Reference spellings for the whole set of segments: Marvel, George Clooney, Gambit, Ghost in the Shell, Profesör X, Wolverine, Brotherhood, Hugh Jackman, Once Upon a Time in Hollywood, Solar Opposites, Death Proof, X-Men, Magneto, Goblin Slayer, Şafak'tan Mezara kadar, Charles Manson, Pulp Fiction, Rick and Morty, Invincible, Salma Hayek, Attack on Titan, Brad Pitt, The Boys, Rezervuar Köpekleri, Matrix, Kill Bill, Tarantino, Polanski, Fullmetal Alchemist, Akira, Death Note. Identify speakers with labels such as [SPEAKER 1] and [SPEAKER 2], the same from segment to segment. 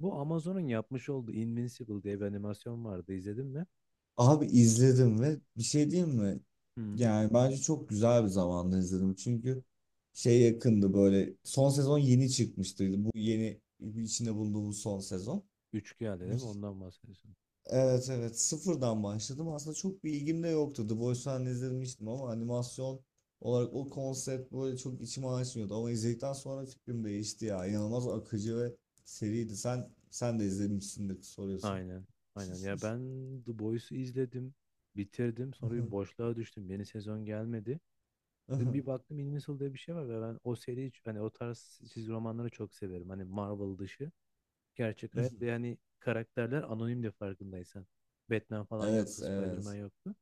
[SPEAKER 1] Bu Amazon'un yapmış olduğu Invincible diye bir animasyon vardı. İzledin mi?
[SPEAKER 2] Abi izledim ve bir şey diyeyim mi?
[SPEAKER 1] Hı.
[SPEAKER 2] Yani bence çok güzel bir zamanda izledim. Çünkü şey yakındı böyle son sezon yeni çıkmıştı. Bu yeni içinde bulunduğumuz son sezon.
[SPEAKER 1] Üç geldi değil mi?
[SPEAKER 2] Bir-
[SPEAKER 1] Ondan bahsediyorsun.
[SPEAKER 2] Evet evet sıfırdan başladım. Aslında çok bir ilgim de yoktu. The Boys'u hani izlemiştim ama animasyon olarak o konsept böyle çok içime açmıyordu. Ama izledikten sonra fikrim değişti ya. İnanılmaz akıcı ve seriydi. Sen de izlemişsindir soruyorsun.
[SPEAKER 1] Aynen. Aynen. Ya ben The Boys'u izledim. Bitirdim. Sonra bir boşluğa düştüm. Yeni sezon gelmedi. Dedim bir baktım Invincible diye bir şey var ve ben o seri hiç hani o tarz çizgi romanları çok severim. Hani Marvel dışı. Gerçek hayat ve hani karakterler anonim de farkındaysan. Batman falan yoktu.
[SPEAKER 2] Evet,
[SPEAKER 1] Spider-Man
[SPEAKER 2] evet.
[SPEAKER 1] yoktu.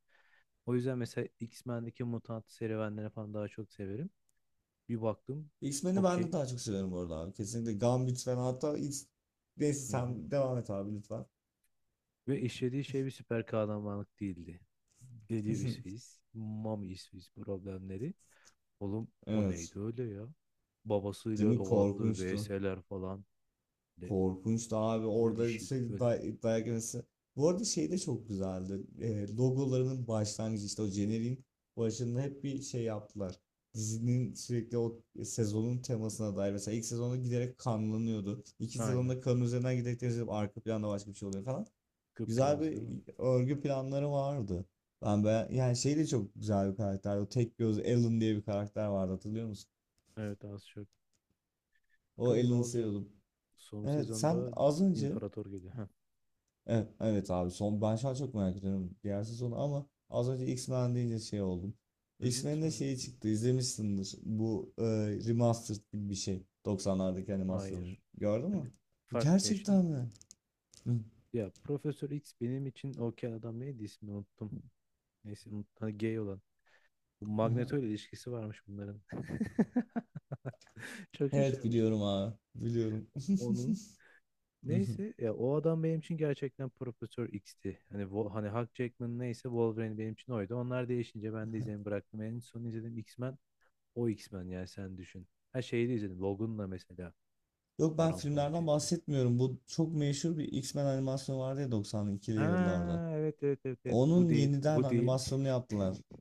[SPEAKER 1] O yüzden mesela X-Men'deki mutant serüvenleri falan daha çok severim. Bir baktım.
[SPEAKER 2] X-Men'i ben
[SPEAKER 1] Okey.
[SPEAKER 2] de daha çok seviyorum bu arada abi. Kesinlikle Gambit falan Neyse
[SPEAKER 1] Hı hı.
[SPEAKER 2] sen devam et abi lütfen.
[SPEAKER 1] Ve işlediği şey bir süper kahramanlık değildi. Dedi İsviz. Mami İsviz problemleri. Oğlum o
[SPEAKER 2] Evet.
[SPEAKER 1] neydi öyle ya?
[SPEAKER 2] Değil
[SPEAKER 1] Babasıyla
[SPEAKER 2] mi?
[SPEAKER 1] o attığı
[SPEAKER 2] Korkunçtu.
[SPEAKER 1] VS'ler falan. De,
[SPEAKER 2] Korkunçtu abi.
[SPEAKER 1] Holy
[SPEAKER 2] Orada
[SPEAKER 1] shit
[SPEAKER 2] şey
[SPEAKER 1] böyle.
[SPEAKER 2] dayak yemesi. Bu arada şey de çok güzeldi. Logolarının başlangıcı işte o jeneriğin başında hep bir şey yaptılar. Dizinin sürekli o sezonun temasına dair. Mesela ilk sezonda giderek kanlanıyordu. İki
[SPEAKER 1] Aynen.
[SPEAKER 2] sezonda kanın üzerinden giderek temizlenip arka planda başka bir şey oluyor falan. Güzel
[SPEAKER 1] Kıpkırmızı
[SPEAKER 2] bir
[SPEAKER 1] değil mi?
[SPEAKER 2] örgü planları vardı. Ben be yani şey de çok güzel bir karakter. O tek göz Alan diye bir karakter vardı, hatırlıyor musun?
[SPEAKER 1] Evet az çok.
[SPEAKER 2] O
[SPEAKER 1] Bakalım ne
[SPEAKER 2] Alan'ı
[SPEAKER 1] olacak?
[SPEAKER 2] seviyordum.
[SPEAKER 1] Son
[SPEAKER 2] Evet sen
[SPEAKER 1] sezonda
[SPEAKER 2] az önce
[SPEAKER 1] İmparator geliyor. Heh.
[SPEAKER 2] Evet, evet abi son, ben şu an çok merak ediyorum diğer sezonu, ama az önce X-Men deyince şey oldum.
[SPEAKER 1] Hı hı,
[SPEAKER 2] X-Men'de şeyi çıktı, izlemişsindir. Bu remastered gibi bir şey. Doksanlardaki animasyonu.
[SPEAKER 1] hayır.
[SPEAKER 2] Gördün
[SPEAKER 1] Hani
[SPEAKER 2] mü?
[SPEAKER 1] farklı ya.
[SPEAKER 2] Gerçekten mi? Hı.
[SPEAKER 1] Ya Profesör X benim için okey adam neydi, ismini unuttum. Neyse, hani gay olan. Bu
[SPEAKER 2] Aha.
[SPEAKER 1] Magneto ile ilişkisi varmış bunların. Çok
[SPEAKER 2] Evet
[SPEAKER 1] şaşırmıştım.
[SPEAKER 2] biliyorum abi. Biliyorum.
[SPEAKER 1] Onun neyse ya, o adam benim için gerçekten Profesör X'ti. Hani hani Hugh Jackman, neyse, Wolverine benim için oydu. Onlar değişince ben de izlemeyi bıraktım. En son izlediğim X-Men o X-Men, yani sen düşün. Her şeyi de izledim. Logan'la mesela
[SPEAKER 2] Yok ben
[SPEAKER 1] paramparça
[SPEAKER 2] filmlerden
[SPEAKER 1] etti.
[SPEAKER 2] bahsetmiyorum. Bu çok meşhur bir X-Men animasyonu vardı ya 92'li yıllarda.
[SPEAKER 1] Aa, evet evet evet evet, bu
[SPEAKER 2] Onun
[SPEAKER 1] değil,
[SPEAKER 2] yeniden
[SPEAKER 1] bu değil.
[SPEAKER 2] animasyonunu yaptılar.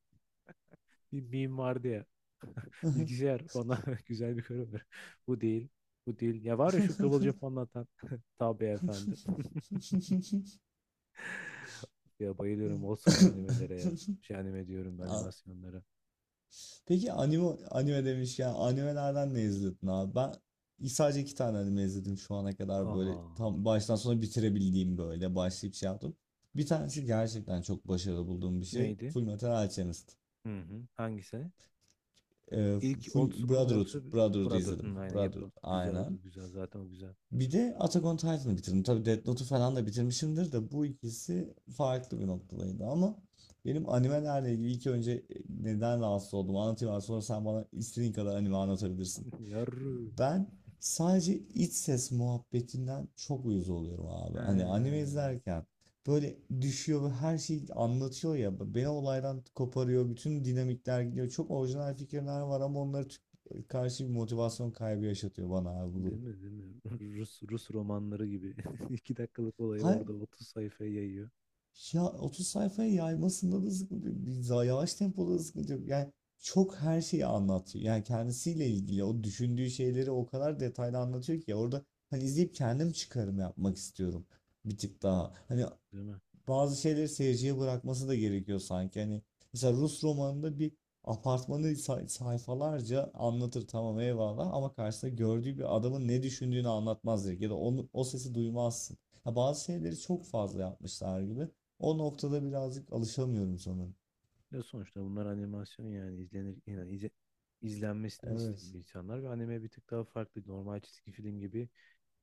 [SPEAKER 1] Bir meme vardı ya. Bilgisayar bana güzel bir konu ver. Bu değil. Bu değil. Ya var ya şu kıvılcım anlatan. Tabii efendim. Ya bayılıyorum old school animelere ya. Şey, anime diyorum
[SPEAKER 2] Aa,
[SPEAKER 1] animasyonlara.
[SPEAKER 2] peki anime demiş ya, animelerden ne izledin abi? Ben sadece iki tane anime izledim şu ana kadar, böyle
[SPEAKER 1] Aa,
[SPEAKER 2] tam baştan sona bitirebildiğim, böyle başlayıp şey yaptım. Bir
[SPEAKER 1] ş-
[SPEAKER 2] tanesi gerçekten çok başarılı bulduğum bir şey.
[SPEAKER 1] Neydi?
[SPEAKER 2] Fullmetal Alchemist.
[SPEAKER 1] Hı hı. Hangisi? İlk
[SPEAKER 2] Full
[SPEAKER 1] old school mu
[SPEAKER 2] Brotherhood.
[SPEAKER 1] yoksa
[SPEAKER 2] Brotherhood'u
[SPEAKER 1] Brotherhood mu?
[SPEAKER 2] izledim.
[SPEAKER 1] Aynen
[SPEAKER 2] Brotherhood
[SPEAKER 1] yapı. Güzel
[SPEAKER 2] aynen.
[SPEAKER 1] oldu. Güzel, zaten o güzel.
[SPEAKER 2] Bir de Attack on Titan'ı bitirdim. Tabii Death Note'u falan da bitirmişimdir, de bu ikisi farklı bir noktadaydı. Ama benim animelerle ilgili neden rahatsız oldum anlatayım abi, sonra sen bana istediğin kadar anime anlatabilirsin.
[SPEAKER 1] Yarrı.
[SPEAKER 2] Ben sadece iç ses muhabbetinden çok uyuz oluyorum abi. Hani anime
[SPEAKER 1] Ha,
[SPEAKER 2] izlerken böyle düşüyor ve her şeyi anlatıyor ya. Beni olaydan koparıyor. Bütün dinamikler gidiyor. Çok orijinal fikirler var ama onları karşı bir motivasyon kaybı yaşatıyor bana abi bu
[SPEAKER 1] Değil
[SPEAKER 2] durum.
[SPEAKER 1] mi? Değil mi? Rus, Rus romanları gibi. İki dakikalık olayı orada 30 sayfaya yayıyor.
[SPEAKER 2] Ya 30 sayfaya yaymasında da sıkıntı yok. Yavaş tempoda da sıkıntı yok. Yani çok her şeyi anlatıyor. Yani kendisiyle ilgili o düşündüğü şeyleri o kadar detaylı anlatıyor ki, orada hani izleyip kendim çıkarım yapmak istiyorum bir tık daha. Hani
[SPEAKER 1] Değil mi?
[SPEAKER 2] bazı şeyleri seyirciye bırakması da gerekiyor sanki. Hani mesela Rus romanında bir apartmanı sayfalarca anlatır, tamam, eyvallah, ama karşısında gördüğü bir adamın ne düşündüğünü anlatmaz direkt, ya da onu, o sesi duymazsın. Ha, bazı şeyleri çok fazla yapmışlar gibi. O noktada birazcık alışamıyorum sanırım.
[SPEAKER 1] Ya sonuçta bunlar animasyon, yani izlenir, yani izlenmesini istiyor
[SPEAKER 2] Evet.
[SPEAKER 1] insanlar ve anime bir tık daha farklı. Normal çizgi film gibi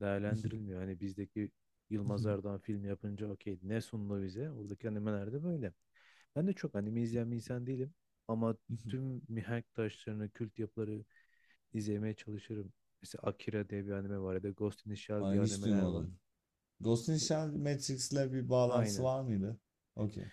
[SPEAKER 1] değerlendirilmiyor. Hani bizdeki Yılmaz Erdoğan film yapınca okey, ne sundu bize? Oradaki animelerde böyle. Ben de çok anime izleyen bir insan değilim ama tüm mihenk taşlarını, kült yapıları izlemeye çalışırım. Mesela Akira diye bir anime var ya da Ghost in the Shell diye
[SPEAKER 2] Ay, hiç
[SPEAKER 1] animeler var.
[SPEAKER 2] duymadım. Ghost in the
[SPEAKER 1] Bu,
[SPEAKER 2] Shell Matrix'le bir bağlantısı
[SPEAKER 1] aynen.
[SPEAKER 2] var mıydı? Okey.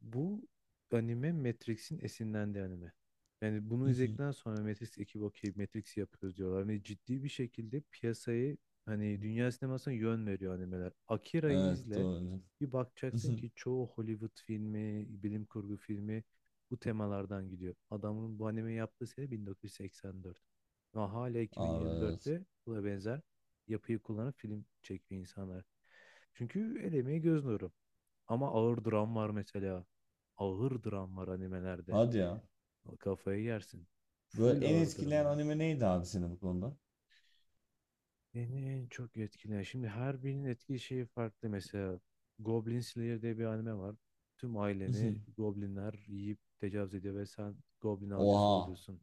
[SPEAKER 1] Bu anime Matrix'in esinlendiği anime. Yani bunu izledikten sonra Matrix ekibi okey, Matrix yapıyoruz diyorlar. Ve ciddi bir şekilde piyasayı, hani dünya sinemasına yön veriyor animeler. Akira'yı
[SPEAKER 2] Evet,
[SPEAKER 1] izle.
[SPEAKER 2] doğru.
[SPEAKER 1] Bir bakacaksın ki çoğu Hollywood filmi, bilim kurgu filmi bu temalardan gidiyor. Adamın bu anime yaptığı sene 1984. Ama hala
[SPEAKER 2] Abi evet.
[SPEAKER 1] 2024'te buna benzer yapıyı kullanan film çekiyor insanlar. Çünkü el emeği göz nuru. Ama ağır dram var mesela. Ağır dram var animelerde.
[SPEAKER 2] Hadi ya.
[SPEAKER 1] Kafayı yersin.
[SPEAKER 2] Böyle
[SPEAKER 1] Full
[SPEAKER 2] en
[SPEAKER 1] ağır dram
[SPEAKER 2] etkileyen
[SPEAKER 1] ya.
[SPEAKER 2] anime neydi abi, senin bu konuda?
[SPEAKER 1] Beni en çok etkileyen. Şimdi her birinin etki şeyi farklı. Mesela Goblin Slayer diye bir anime var. Tüm aileni goblinler yiyip tecavüz ediyor ve sen goblin avcısı
[SPEAKER 2] Oha.
[SPEAKER 1] oluyorsun.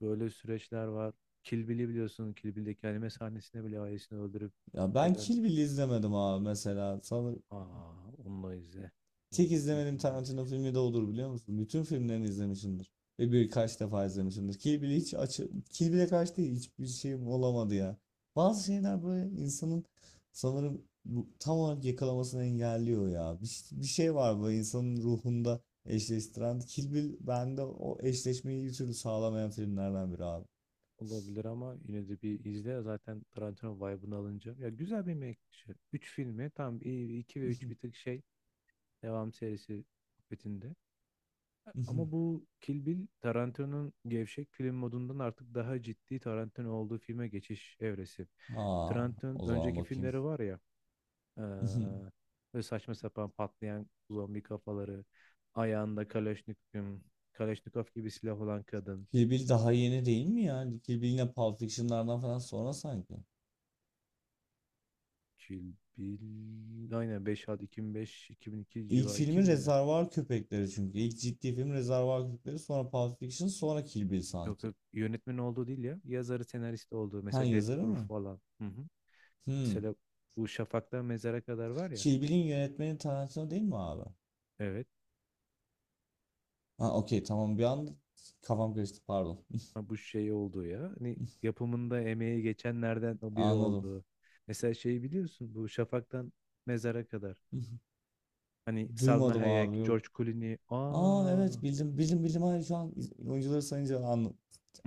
[SPEAKER 1] Böyle süreçler var. Kill Bill'i biliyorsun. Kill Bill'deki anime sahnesinde bile ailesini öldürüp
[SPEAKER 2] Ya
[SPEAKER 1] yok
[SPEAKER 2] ben
[SPEAKER 1] eden.
[SPEAKER 2] Kill Bill izlemedim abi mesela. Sanırım
[SPEAKER 1] Aa, onunla izle. Bu
[SPEAKER 2] tek
[SPEAKER 1] büyük bir
[SPEAKER 2] izlemediğim
[SPEAKER 1] mevzu.
[SPEAKER 2] Tarantino filmi de odur, biliyor musun? Bütün filmlerini izlemişimdir. Ve birkaç defa izlemişimdir. Kill Bill'e karşı değil, hiçbir şeyim olamadı ya. Bazı şeyler böyle insanın sanırım bu, tam olarak yakalamasını engelliyor ya. Bir şey var böyle insanın ruhunda eşleştiren. Kill Bill bende o eşleşmeyi bir türlü sağlamayan filmlerden biri abi.
[SPEAKER 1] Olabilir ama yine de bir izle. Zaten Tarantino vibe'ını alınca. Ya güzel bir yemek. Üç filmi tam, iki ve üç bir tık şey. Devam serisi muhabbetinde. Ama bu Kill Bill Tarantino'nun gevşek film modundan artık daha ciddi Tarantino olduğu filme geçiş evresi.
[SPEAKER 2] Ha,
[SPEAKER 1] Tarantino'nun
[SPEAKER 2] o zaman
[SPEAKER 1] önceki
[SPEAKER 2] bakayım.
[SPEAKER 1] filmleri var ya, eee böyle saçma sapan patlayan zombi kafaları, ayağında Kalashnikov, Kalashnikov gibi silah olan kadın.
[SPEAKER 2] Kill Bill daha yeni değil mi ya? Kill Bill yine Pulp Fiction'lardan falan sonra sanki.
[SPEAKER 1] Kill Bill. Aynen, 5 ad, 2005, 2002
[SPEAKER 2] İlk
[SPEAKER 1] civarı,
[SPEAKER 2] filmi
[SPEAKER 1] 2000'ler.
[SPEAKER 2] Rezervuar Köpekleri çünkü. İlk ciddi film Rezervuar Köpekleri, sonra Pulp Fiction, sonra Kill Bill
[SPEAKER 1] Yok
[SPEAKER 2] sanki.
[SPEAKER 1] yok, yönetmen olduğu değil ya. Yazarı, senarist olduğu.
[SPEAKER 2] Ha,
[SPEAKER 1] Mesela Death
[SPEAKER 2] yazarı
[SPEAKER 1] Proof
[SPEAKER 2] mı?
[SPEAKER 1] falan. Hı hı.
[SPEAKER 2] Hmm.
[SPEAKER 1] Mesela bu Şafak'tan Mezara kadar var ya.
[SPEAKER 2] Kill Bill'in yönetmeni Tarantino değil mi abi?
[SPEAKER 1] Evet.
[SPEAKER 2] Ha, okey, tamam, bir an kafam karıştı, pardon.
[SPEAKER 1] Ha, bu şey olduğu ya. Hani yapımında emeği geçenlerden o biri
[SPEAKER 2] Anladım.
[SPEAKER 1] olduğu. Mesela şeyi biliyorsun, bu Şafak'tan Mezara kadar. Hani Salma
[SPEAKER 2] Duymadım abi,
[SPEAKER 1] Hayek,
[SPEAKER 2] yok.
[SPEAKER 1] George Clooney.
[SPEAKER 2] Aa, evet, bildim, bildim, bildim, hayır, şu an oyuncuları sayınca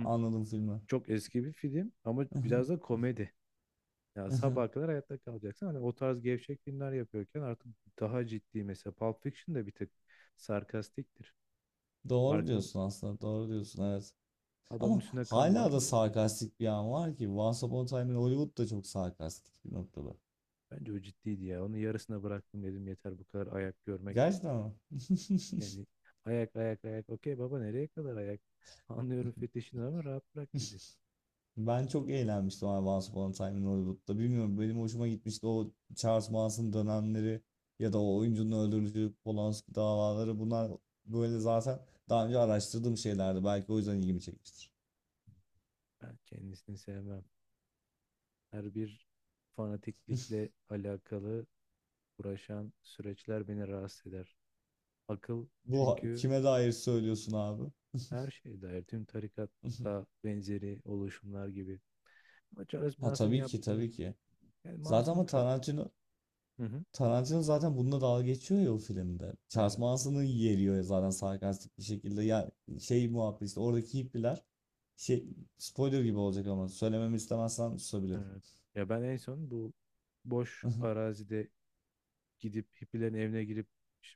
[SPEAKER 1] Hı,
[SPEAKER 2] filmi.
[SPEAKER 1] çok eski bir film ama biraz da komedi. Ya sabaha kadar hayatta kalacaksın. Hani o tarz gevşek filmler yapıyorken artık daha ciddi, mesela Pulp Fiction de bir tık sarkastiktir.
[SPEAKER 2] Doğru
[SPEAKER 1] Farkında,
[SPEAKER 2] diyorsun aslında. Doğru diyorsun, evet.
[SPEAKER 1] adamın
[SPEAKER 2] Ama
[SPEAKER 1] üstüne kan var.
[SPEAKER 2] hala da sarkastik bir an var ki. Once Upon a Time in Hollywood da çok sarkastik bir noktada.
[SPEAKER 1] Bence o ciddiydi ya. Onu yarısına bıraktım, dedim yeter bu kadar ayak görmek.
[SPEAKER 2] Gerçekten mi?
[SPEAKER 1] Yani ayak ayak ayak. Okey baba, nereye kadar ayak? Anlıyorum fetişini ama rahat bırak bizi.
[SPEAKER 2] Ben çok eğlenmiştim abi Once Upon a Time in Hollywood'da. Bilmiyorum, benim hoşuma gitmişti o Charles Manson dönemleri, ya da o oyuncunun öldürücü Polanski davaları. Bunlar böyle zaten daha önce araştırdığım şeylerdi. Belki o yüzden ilgimi çekmiştir.
[SPEAKER 1] Ben kendisini sevmem. Her bir fanatiklikle alakalı uğraşan süreçler beni rahatsız eder. Akıl
[SPEAKER 2] Bu
[SPEAKER 1] çünkü
[SPEAKER 2] kime dair söylüyorsun abi?
[SPEAKER 1] her şey dair, tüm tarikatta benzeri oluşumlar gibi. Ama Charles
[SPEAKER 2] Ha,
[SPEAKER 1] Manson
[SPEAKER 2] tabii ki
[SPEAKER 1] yaptığı,
[SPEAKER 2] tabii ki.
[SPEAKER 1] yani
[SPEAKER 2] Zaten,
[SPEAKER 1] masum
[SPEAKER 2] ama
[SPEAKER 1] katil.
[SPEAKER 2] Tarantino
[SPEAKER 1] Hı hı.
[SPEAKER 2] Tarantino zaten bununla dalga geçiyor ya o filmde. Charles
[SPEAKER 1] Evet,
[SPEAKER 2] Manson'ı yeriyor ya zaten, sarkastik bir şekilde. Ya şey muhabbet işte, oradaki hippiler şey, spoiler gibi olacak ama söylememi istemezsen susabilirim.
[SPEAKER 1] evet. Ya ben en son bu boş arazide gidip hippilerin evine girip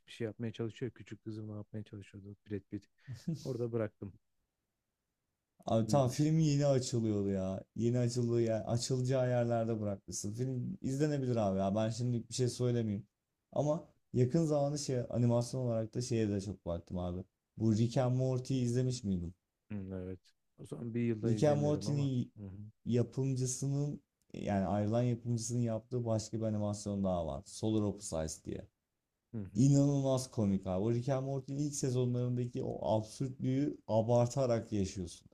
[SPEAKER 1] bir şey yapmaya çalışıyor. Küçük kızım ne yapmaya çalışıyordu Brad Pitt. Orada bıraktım.
[SPEAKER 2] Abi tam
[SPEAKER 1] Uyumuş.
[SPEAKER 2] film yeni açılıyordu ya. Yeni açıldığı yer, açılacağı yerlerde bırakmışsın. Film izlenebilir abi ya. Ben şimdilik bir şey söylemeyeyim. Ama yakın zamanda şey, animasyon olarak da şeye de çok baktım abi. Bu Rick and Morty izlemiş miydin?
[SPEAKER 1] Hı, evet. O zaman bir yılda
[SPEAKER 2] Rick and
[SPEAKER 1] izlemiyorum ama.
[SPEAKER 2] Morty'nin
[SPEAKER 1] Hı hı.
[SPEAKER 2] yapımcısının, yani ayrılan yapımcısının yaptığı başka bir animasyon daha var. Solar Opposites diye.
[SPEAKER 1] Hı hı.
[SPEAKER 2] İnanılmaz komik abi. O Rick and Morty'nin ilk sezonlarındaki o absürtlüğü abartarak yaşıyorsun.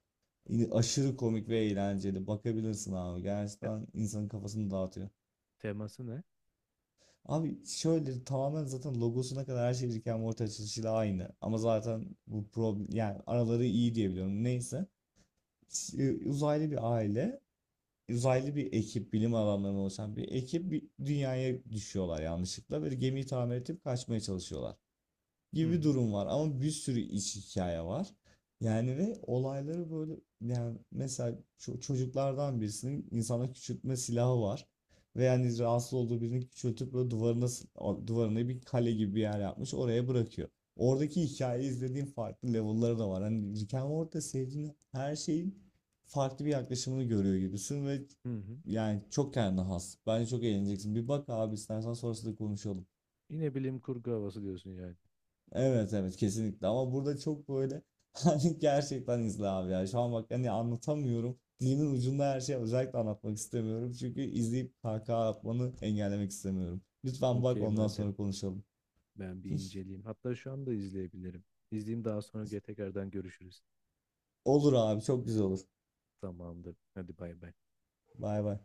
[SPEAKER 2] Aşırı komik ve eğlenceli. Bakabilirsin abi.
[SPEAKER 1] Te-
[SPEAKER 2] Gerçekten insanın kafasını dağıtıyor.
[SPEAKER 1] Teması ne?
[SPEAKER 2] Abi şöyle tamamen zaten logosuna kadar her şey Rick and Morty açılışıyla aynı. Ama zaten bu problem, yani araları iyi diye biliyorum. Neyse. Uzaylı bir aile, uzaylı bir ekip, bilim adamlarının oluşan bir ekip bir dünyaya düşüyorlar yanlışlıkla, ve gemiyi tamir edip kaçmaya çalışıyorlar
[SPEAKER 1] Hı
[SPEAKER 2] gibi
[SPEAKER 1] hı.
[SPEAKER 2] durum var, ama bir sürü iç hikaye var. Yani ve olayları böyle, yani mesela çocuklardan birisinin insana küçültme silahı var. Ve yani rahatsız olduğu birini küçültüp böyle duvarına bir kale gibi bir yer yapmış, oraya bırakıyor. Oradaki hikayeyi izlediğim farklı level'ları da var. Hani Rick and Morty'de sevdiğin her şeyin farklı bir yaklaşımını görüyor gibisin ve
[SPEAKER 1] Hı hı.
[SPEAKER 2] yani çok kendine has. Bence çok eğleneceksin. Bir bak abi, istersen sonrasında konuşalım.
[SPEAKER 1] Yine bilim kurgu havası diyorsun yani.
[SPEAKER 2] Evet, evet, kesinlikle, ama burada çok böyle hani gerçekten izle abi ya, şu an bak, hani anlatamıyorum, dilimin ucunda her şeyi, özellikle anlatmak istemiyorum çünkü izleyip kahkaha atmanı engellemek istemiyorum, lütfen bak,
[SPEAKER 1] Okey
[SPEAKER 2] ondan
[SPEAKER 1] madem.
[SPEAKER 2] sonra konuşalım.
[SPEAKER 1] Ben bir inceleyeyim. Hatta şu anda izleyebilirim. İzleyeyim, daha sonra tekrardan görüşürüz.
[SPEAKER 2] Olur abi, çok güzel olur.
[SPEAKER 1] Tamamdır. Hadi bay bay.
[SPEAKER 2] Bay bay.